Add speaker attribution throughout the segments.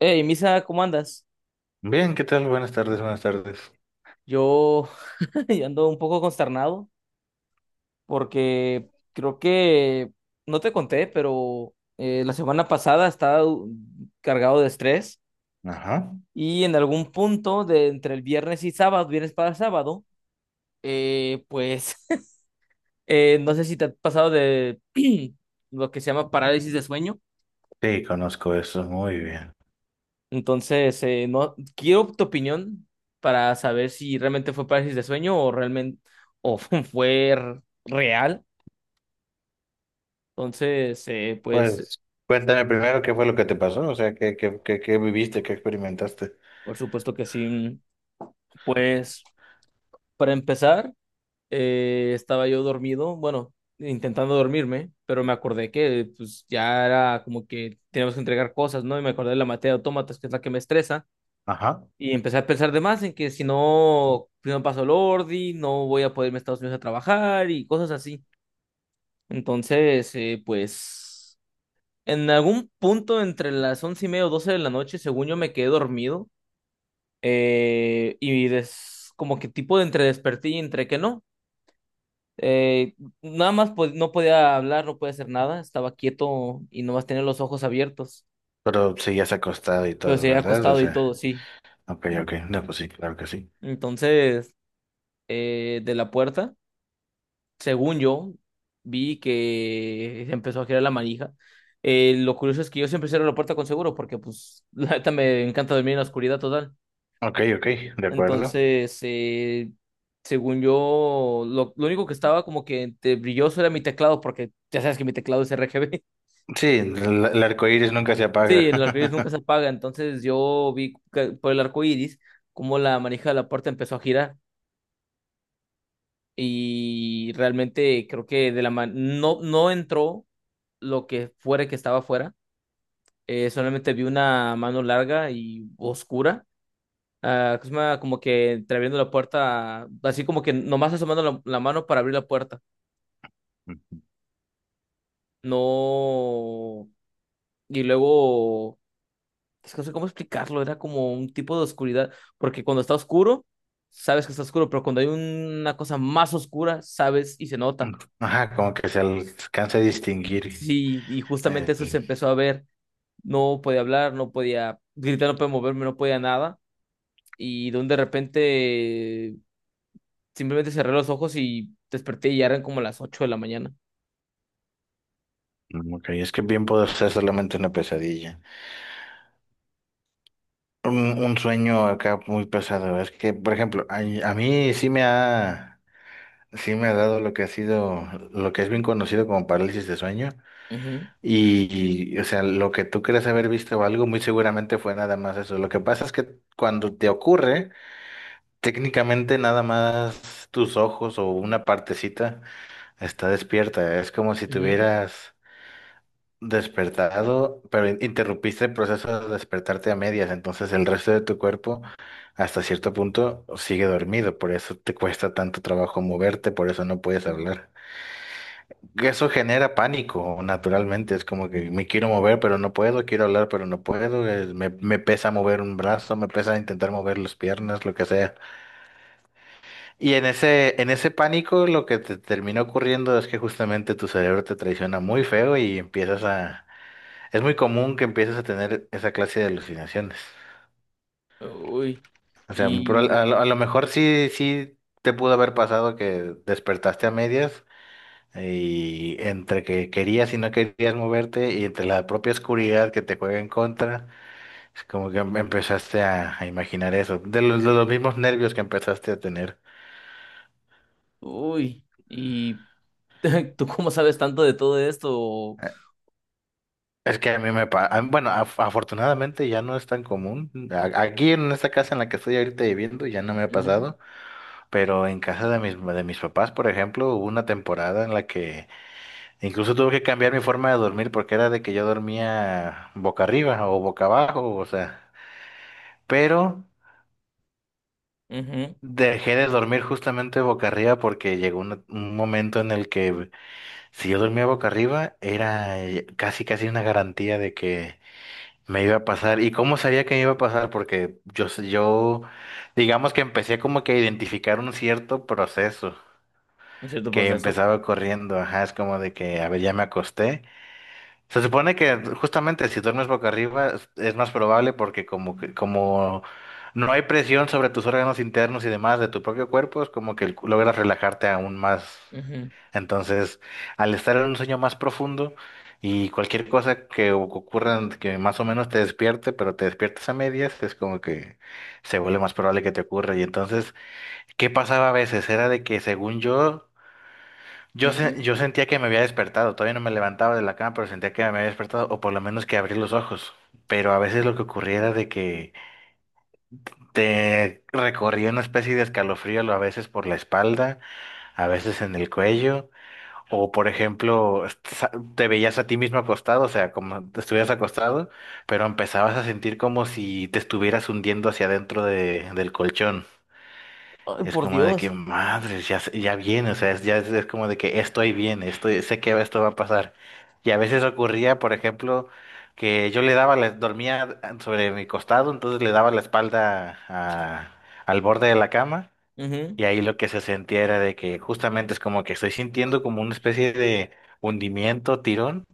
Speaker 1: Hey, Misa, ¿cómo andas?
Speaker 2: Bien, ¿qué tal? Buenas tardes, buenas tardes.
Speaker 1: Yo yo ando un poco consternado porque creo que no te conté, pero la semana pasada estaba cargado de estrés
Speaker 2: Ajá.
Speaker 1: y en algún punto de entre el viernes y sábado, viernes para sábado, pues no sé si te ha pasado de lo que se llama parálisis de sueño.
Speaker 2: Sí, conozco eso, muy bien.
Speaker 1: Entonces, no quiero tu opinión para saber si realmente fue parálisis de sueño o realmente o fue real. Entonces, pues,
Speaker 2: Pues cuéntame primero qué fue lo que te pasó, o sea, qué viviste, qué experimentaste.
Speaker 1: por supuesto que sí. Pues, para empezar, estaba yo dormido, bueno, intentando dormirme, pero me acordé que pues ya era como que teníamos que entregar cosas, ¿no? Y me acordé de la materia de autómatas, que es la que me estresa,
Speaker 2: Ajá.
Speaker 1: y empecé a pensar de más en que si no, si no paso el ordi, no voy a poder irme a Estados Unidos a trabajar y cosas así. Entonces, pues, en algún punto entre las 11:30 o 12 de la noche, según yo me quedé dormido. Y como que tipo de entre desperté y entre que no. Eh, Nada más pues, no podía hablar, no podía hacer nada, estaba quieto y nomás tenía los ojos abiertos,
Speaker 2: Pero sí, ya se ha acostado y
Speaker 1: pero
Speaker 2: todo,
Speaker 1: se había
Speaker 2: ¿verdad? O
Speaker 1: acostado y
Speaker 2: sea,
Speaker 1: todo, sí.
Speaker 2: ok, ok, no, pues sí, claro que sí.
Speaker 1: Entonces, de la puerta, según yo, vi que se empezó a girar la manija. Lo curioso es que yo siempre cierro la puerta con seguro porque pues la neta me encanta dormir en la oscuridad total.
Speaker 2: Ok, ok, de acuerdo.
Speaker 1: Entonces, según yo, lo único que estaba como que entre brilloso era mi teclado, porque ya sabes que mi teclado es RGB.
Speaker 2: Sí, el arco iris nunca se
Speaker 1: Sí,
Speaker 2: apaga.
Speaker 1: el arco iris nunca se apaga. Entonces, yo vi que por el arco iris cómo la manija de la puerta empezó a girar. Y realmente creo que de la man no, no entró lo que fuera que estaba afuera. Solamente vi una mano larga y oscura. Ah, que se llama como que entreabriendo la puerta, así como que nomás asomando la mano para abrir la puerta. No. Y luego, es que no sé cómo explicarlo, era como un tipo de oscuridad, porque cuando está oscuro, sabes que está oscuro, pero cuando hay una cosa más oscura, sabes y se nota.
Speaker 2: Ajá, como que se alcanza a distinguir.
Speaker 1: Sí, y justamente
Speaker 2: Eh,
Speaker 1: eso se empezó a ver. No podía hablar, no podía gritar, no podía moverme, no podía nada. Y de repente, simplemente cerré los ojos y desperté y ya eran como las 8 de la mañana.
Speaker 2: ok, es que bien puede ser solamente una pesadilla. Un sueño acá muy pesado. Es que, por ejemplo, a mí sí sí me ha dado lo que ha sido, lo que es bien conocido como parálisis de sueño.
Speaker 1: Ujú,
Speaker 2: Y o sea, lo que tú crees haber visto o algo, muy seguramente fue nada más eso. Lo que pasa es que cuando te ocurre, técnicamente nada más tus ojos o una partecita está despierta. Es como si
Speaker 1: ujú.
Speaker 2: tuvieras despertado, pero interrumpiste el proceso de despertarte a medias, entonces el resto de tu cuerpo hasta cierto punto sigue dormido, por eso te cuesta tanto trabajo moverte, por eso no puedes hablar. Eso genera pánico, naturalmente, es como que me quiero mover, pero no puedo, quiero hablar, pero no puedo, me pesa mover un brazo, me pesa intentar mover las piernas, lo que sea. Y en ese pánico lo que te termina ocurriendo es que justamente tu cerebro te traiciona muy feo y empiezas a es muy común que empieces a tener esa clase de alucinaciones.
Speaker 1: Uy,
Speaker 2: O sea, pero
Speaker 1: y,
Speaker 2: a lo mejor sí, sí te pudo haber pasado que despertaste a medias y entre que querías y no querías moverte y entre la propia oscuridad que te juega en contra, es como que empezaste a imaginar eso, de los mismos nervios que empezaste a tener.
Speaker 1: uy, y ¿Tú cómo sabes tanto de todo esto?
Speaker 2: Eh, Es que a mí me pasa, bueno, afortunadamente ya no es tan común. A- Aquí en esta casa en la que estoy ahorita viviendo ya no me ha
Speaker 1: Ujú,
Speaker 2: pasado. Pero en casa de mis papás, por ejemplo, hubo una temporada en la que incluso tuve que cambiar mi forma de dormir porque era de que yo dormía boca arriba o boca abajo, o sea, pero
Speaker 1: ujú,
Speaker 2: dejé de dormir justamente boca arriba porque llegó un momento en el que si yo dormía boca arriba era casi casi una garantía de que me iba a pasar. ¿Y cómo sabía que me iba a pasar? Porque yo digamos que empecé como que a identificar un cierto proceso.
Speaker 1: un cierto
Speaker 2: Que
Speaker 1: proceso.
Speaker 2: empezaba corriendo, ajá, es como de que, a ver, ya me acosté. Se supone que justamente si duermes boca arriba es más probable porque como no hay presión sobre tus órganos internos y demás de tu propio cuerpo, es como que el logras relajarte aún más.
Speaker 1: Ujú,
Speaker 2: Entonces, al estar en un sueño más profundo y cualquier cosa que ocurra que más o menos te despierte, pero te despiertes a medias, es como que se vuelve más probable que te ocurra. Y entonces, ¿qué pasaba a veces? Era de que según
Speaker 1: ujú.
Speaker 2: yo sentía que me había despertado, todavía no me levantaba de la cama, pero sentía que me había despertado, o por lo menos que abrí los ojos. Pero a veces lo que ocurría era de que te recorría una especie de escalofrío, a veces por la espalda, a veces en el cuello, o por ejemplo, te veías a ti mismo acostado, o sea, como te estuvieras acostado, pero empezabas a sentir como si te estuvieras hundiendo hacia adentro del colchón.
Speaker 1: Ay,
Speaker 2: Es
Speaker 1: por
Speaker 2: como de que,
Speaker 1: Dios.
Speaker 2: madres, ya viene, o sea, es como de que estoy bien, estoy, sé que esto va a pasar. Y a veces ocurría, por ejemplo, que yo dormía sobre mi costado, entonces le daba la espalda al borde de la cama,
Speaker 1: Ujú,
Speaker 2: y ahí lo que se sentía era de que justamente es como que estoy sintiendo como una especie de hundimiento, tirón.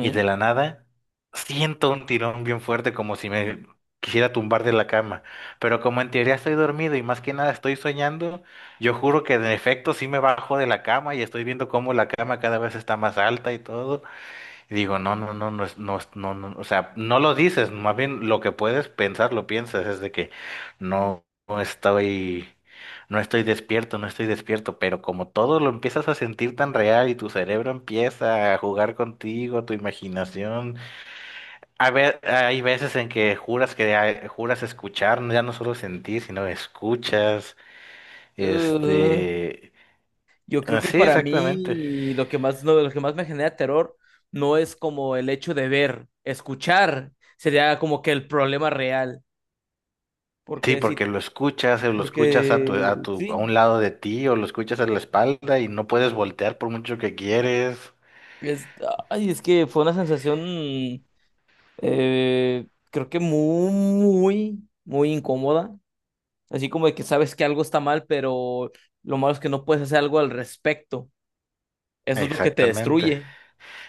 Speaker 2: Y de la nada siento un tirón bien fuerte como si me quisiera tumbar de la cama. Pero como en teoría estoy dormido y más que nada estoy soñando, yo juro que en efecto sí me bajo de la cama y estoy viendo cómo la cama cada vez está más alta y todo. Y digo, no, no, no, no, es- no, es- no, no, o sea, no lo dices, más bien lo que puedes pensar, lo piensas, es de que no, no estoy, no estoy despierto, no estoy despierto, pero como todo lo empiezas a sentir tan real y tu cerebro empieza a jugar contigo, tu imaginación, a ver, hay veces en que juras escuchar, ya no solo sentir, sino escuchas,
Speaker 1: Uh,
Speaker 2: este,
Speaker 1: yo creo
Speaker 2: ah,
Speaker 1: que
Speaker 2: sí
Speaker 1: para
Speaker 2: exactamente.
Speaker 1: mí lo que más me genera terror no es como el hecho de ver, escuchar, sería como que el problema real.
Speaker 2: Sí,
Speaker 1: Porque sí,
Speaker 2: porque lo escuchas, o lo escuchas a
Speaker 1: porque
Speaker 2: a
Speaker 1: sí,
Speaker 2: un lado de ti, o lo escuchas a la espalda y no puedes voltear por mucho que quieres.
Speaker 1: es, ay, es que fue una sensación, creo que muy, muy, muy incómoda. Así como de que sabes que algo está mal, pero lo malo es que no puedes hacer algo al respecto. Eso es lo que te
Speaker 2: Exactamente.
Speaker 1: destruye.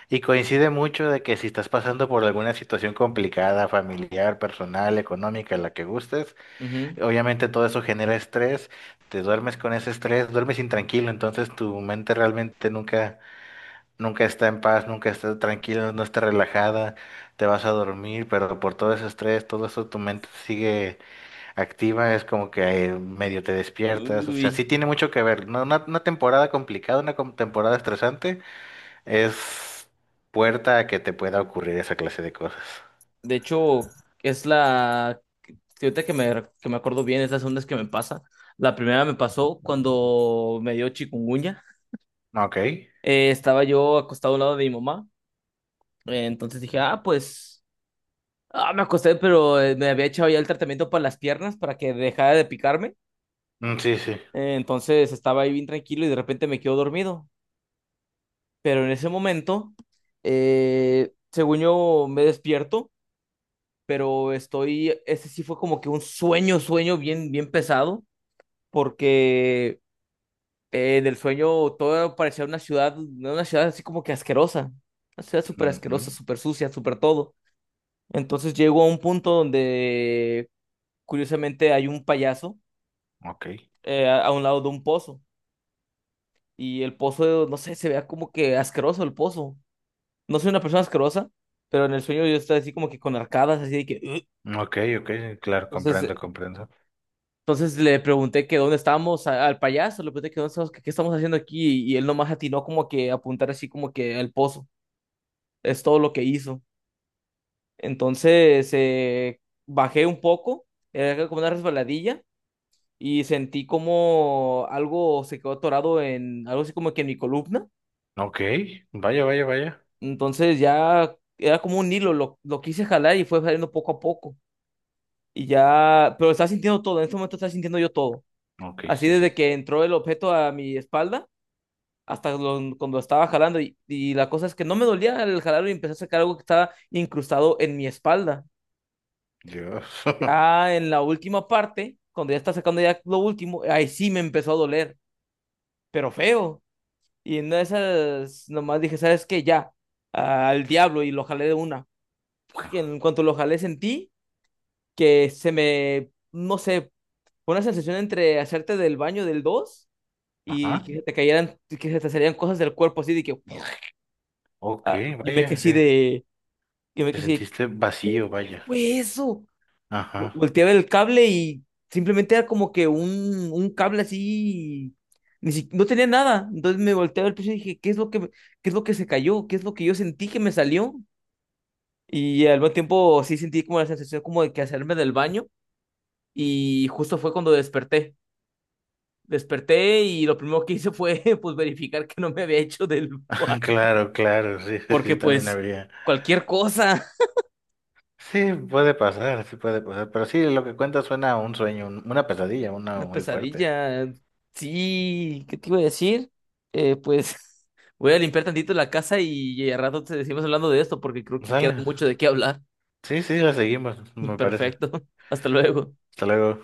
Speaker 2: Y coincide mucho de que si estás pasando por alguna situación complicada, familiar, personal, económica, la que gustes,
Speaker 1: Ujú.
Speaker 2: obviamente todo eso genera estrés, te duermes con ese estrés, duermes intranquilo, entonces tu mente realmente nunca está en paz, nunca está tranquila, no está relajada, te vas a dormir, pero por todo ese estrés, todo eso tu mente sigue activa, es como que medio te despiertas, o sea,
Speaker 1: Uy.
Speaker 2: sí tiene mucho que ver. No, una temporada complicada, una temporada estresante, es puerta a que te pueda ocurrir esa clase de cosas.
Speaker 1: De hecho, es la... que ahorita que me acuerdo bien, es la segunda vez que me pasa. La primera me pasó cuando me dio chikungunya.
Speaker 2: Ok.
Speaker 1: Estaba yo acostado al lado de mi mamá. Entonces dije, ah, pues... Ah, me acosté, pero me había echado ya el tratamiento para las piernas para que dejara de picarme.
Speaker 2: Mm, sí, sí.
Speaker 1: Entonces estaba ahí bien tranquilo y de repente me quedo dormido. Pero en ese momento, según yo me despierto, pero estoy, ese sí fue como que un sueño, sueño bien, bien pesado, porque en el sueño todo parecía una ciudad así como que asquerosa, una ciudad súper asquerosa,
Speaker 2: Ujú.
Speaker 1: súper sucia, súper todo. Entonces llego a un punto donde, curiosamente, hay un payaso
Speaker 2: Ok,
Speaker 1: a un lado de un pozo, y el pozo, no sé, se vea como que asqueroso el pozo. No soy una persona asquerosa, pero en el sueño yo estaba así como que con arcadas, así de que... "Ugh".
Speaker 2: ok, claro,
Speaker 1: Entonces,
Speaker 2: comprendo,
Speaker 1: eh,
Speaker 2: comprendo.
Speaker 1: entonces, le pregunté que dónde estábamos al payaso, le pregunté que dónde estamos, que qué estamos haciendo aquí y, él nomás atinó como que a apuntar así como que al pozo. Es todo lo que hizo. Entonces bajé un poco, era como una resbaladilla y sentí como algo se quedó atorado en algo así como que en mi columna.
Speaker 2: Ok, vaya, vaya, vaya.
Speaker 1: Entonces ya era como un hilo, lo quise jalar y fue saliendo poco a poco. Y ya, pero estaba sintiendo todo, en este momento estaba sintiendo yo todo.
Speaker 2: Ok,
Speaker 1: Así
Speaker 2: sí, sí.
Speaker 1: desde que entró el objeto a mi espalda hasta cuando estaba jalando. Y la cosa es que no me dolía el jalarlo y empecé a sacar algo que estaba incrustado en mi espalda.
Speaker 2: Dios.
Speaker 1: Ya en la última parte, cuando ya está sacando ya lo último, ahí sí me empezó a doler, pero feo. Y en una de esas nomás dije, ¿sabes qué? Ya, al diablo y lo jalé de una. En cuanto lo jalé sentí que se me, no sé, fue una sensación entre hacerte del baño del 2 y
Speaker 2: Ajá.
Speaker 1: que se te cayeran, que se te salieran cosas del cuerpo así de que
Speaker 2: Ok,
Speaker 1: ah, yo me quedé
Speaker 2: vaya,
Speaker 1: así
Speaker 2: que
Speaker 1: de, yo me
Speaker 2: te
Speaker 1: quedé así
Speaker 2: sentiste
Speaker 1: de, ¿qué
Speaker 2: vacío,
Speaker 1: qué
Speaker 2: vaya.
Speaker 1: fue eso?
Speaker 2: Ajá.
Speaker 1: Volteé a ver el cable y simplemente era como que un cable así, ni si- no tenía nada, entonces me volteé a ver el piso y dije, ¿qué es lo que, qué es lo que se cayó? ¿Qué es lo que yo sentí que me salió? Y al mismo tiempo sí sentí como la sensación como de que hacerme del baño y justo fue cuando desperté. Desperté y lo primero que hice fue pues verificar que no me había hecho del.
Speaker 2: Claro, claro, sí, sí,
Speaker 1: Porque
Speaker 2: yo también
Speaker 1: pues
Speaker 2: habría.
Speaker 1: cualquier cosa.
Speaker 2: Sí puede pasar, pero sí, lo que cuenta suena a un sueño, una pesadilla, una
Speaker 1: Una
Speaker 2: muy fuerte.
Speaker 1: pesadilla. Sí, ¿qué te iba a decir? Pues voy a limpiar tantito la casa y al rato te seguimos hablando de esto porque creo que queda
Speaker 2: Sale.
Speaker 1: mucho de qué hablar.
Speaker 2: Sí, sí, la seguimos, me parece.
Speaker 1: Perfecto. Hasta luego.
Speaker 2: Hasta luego.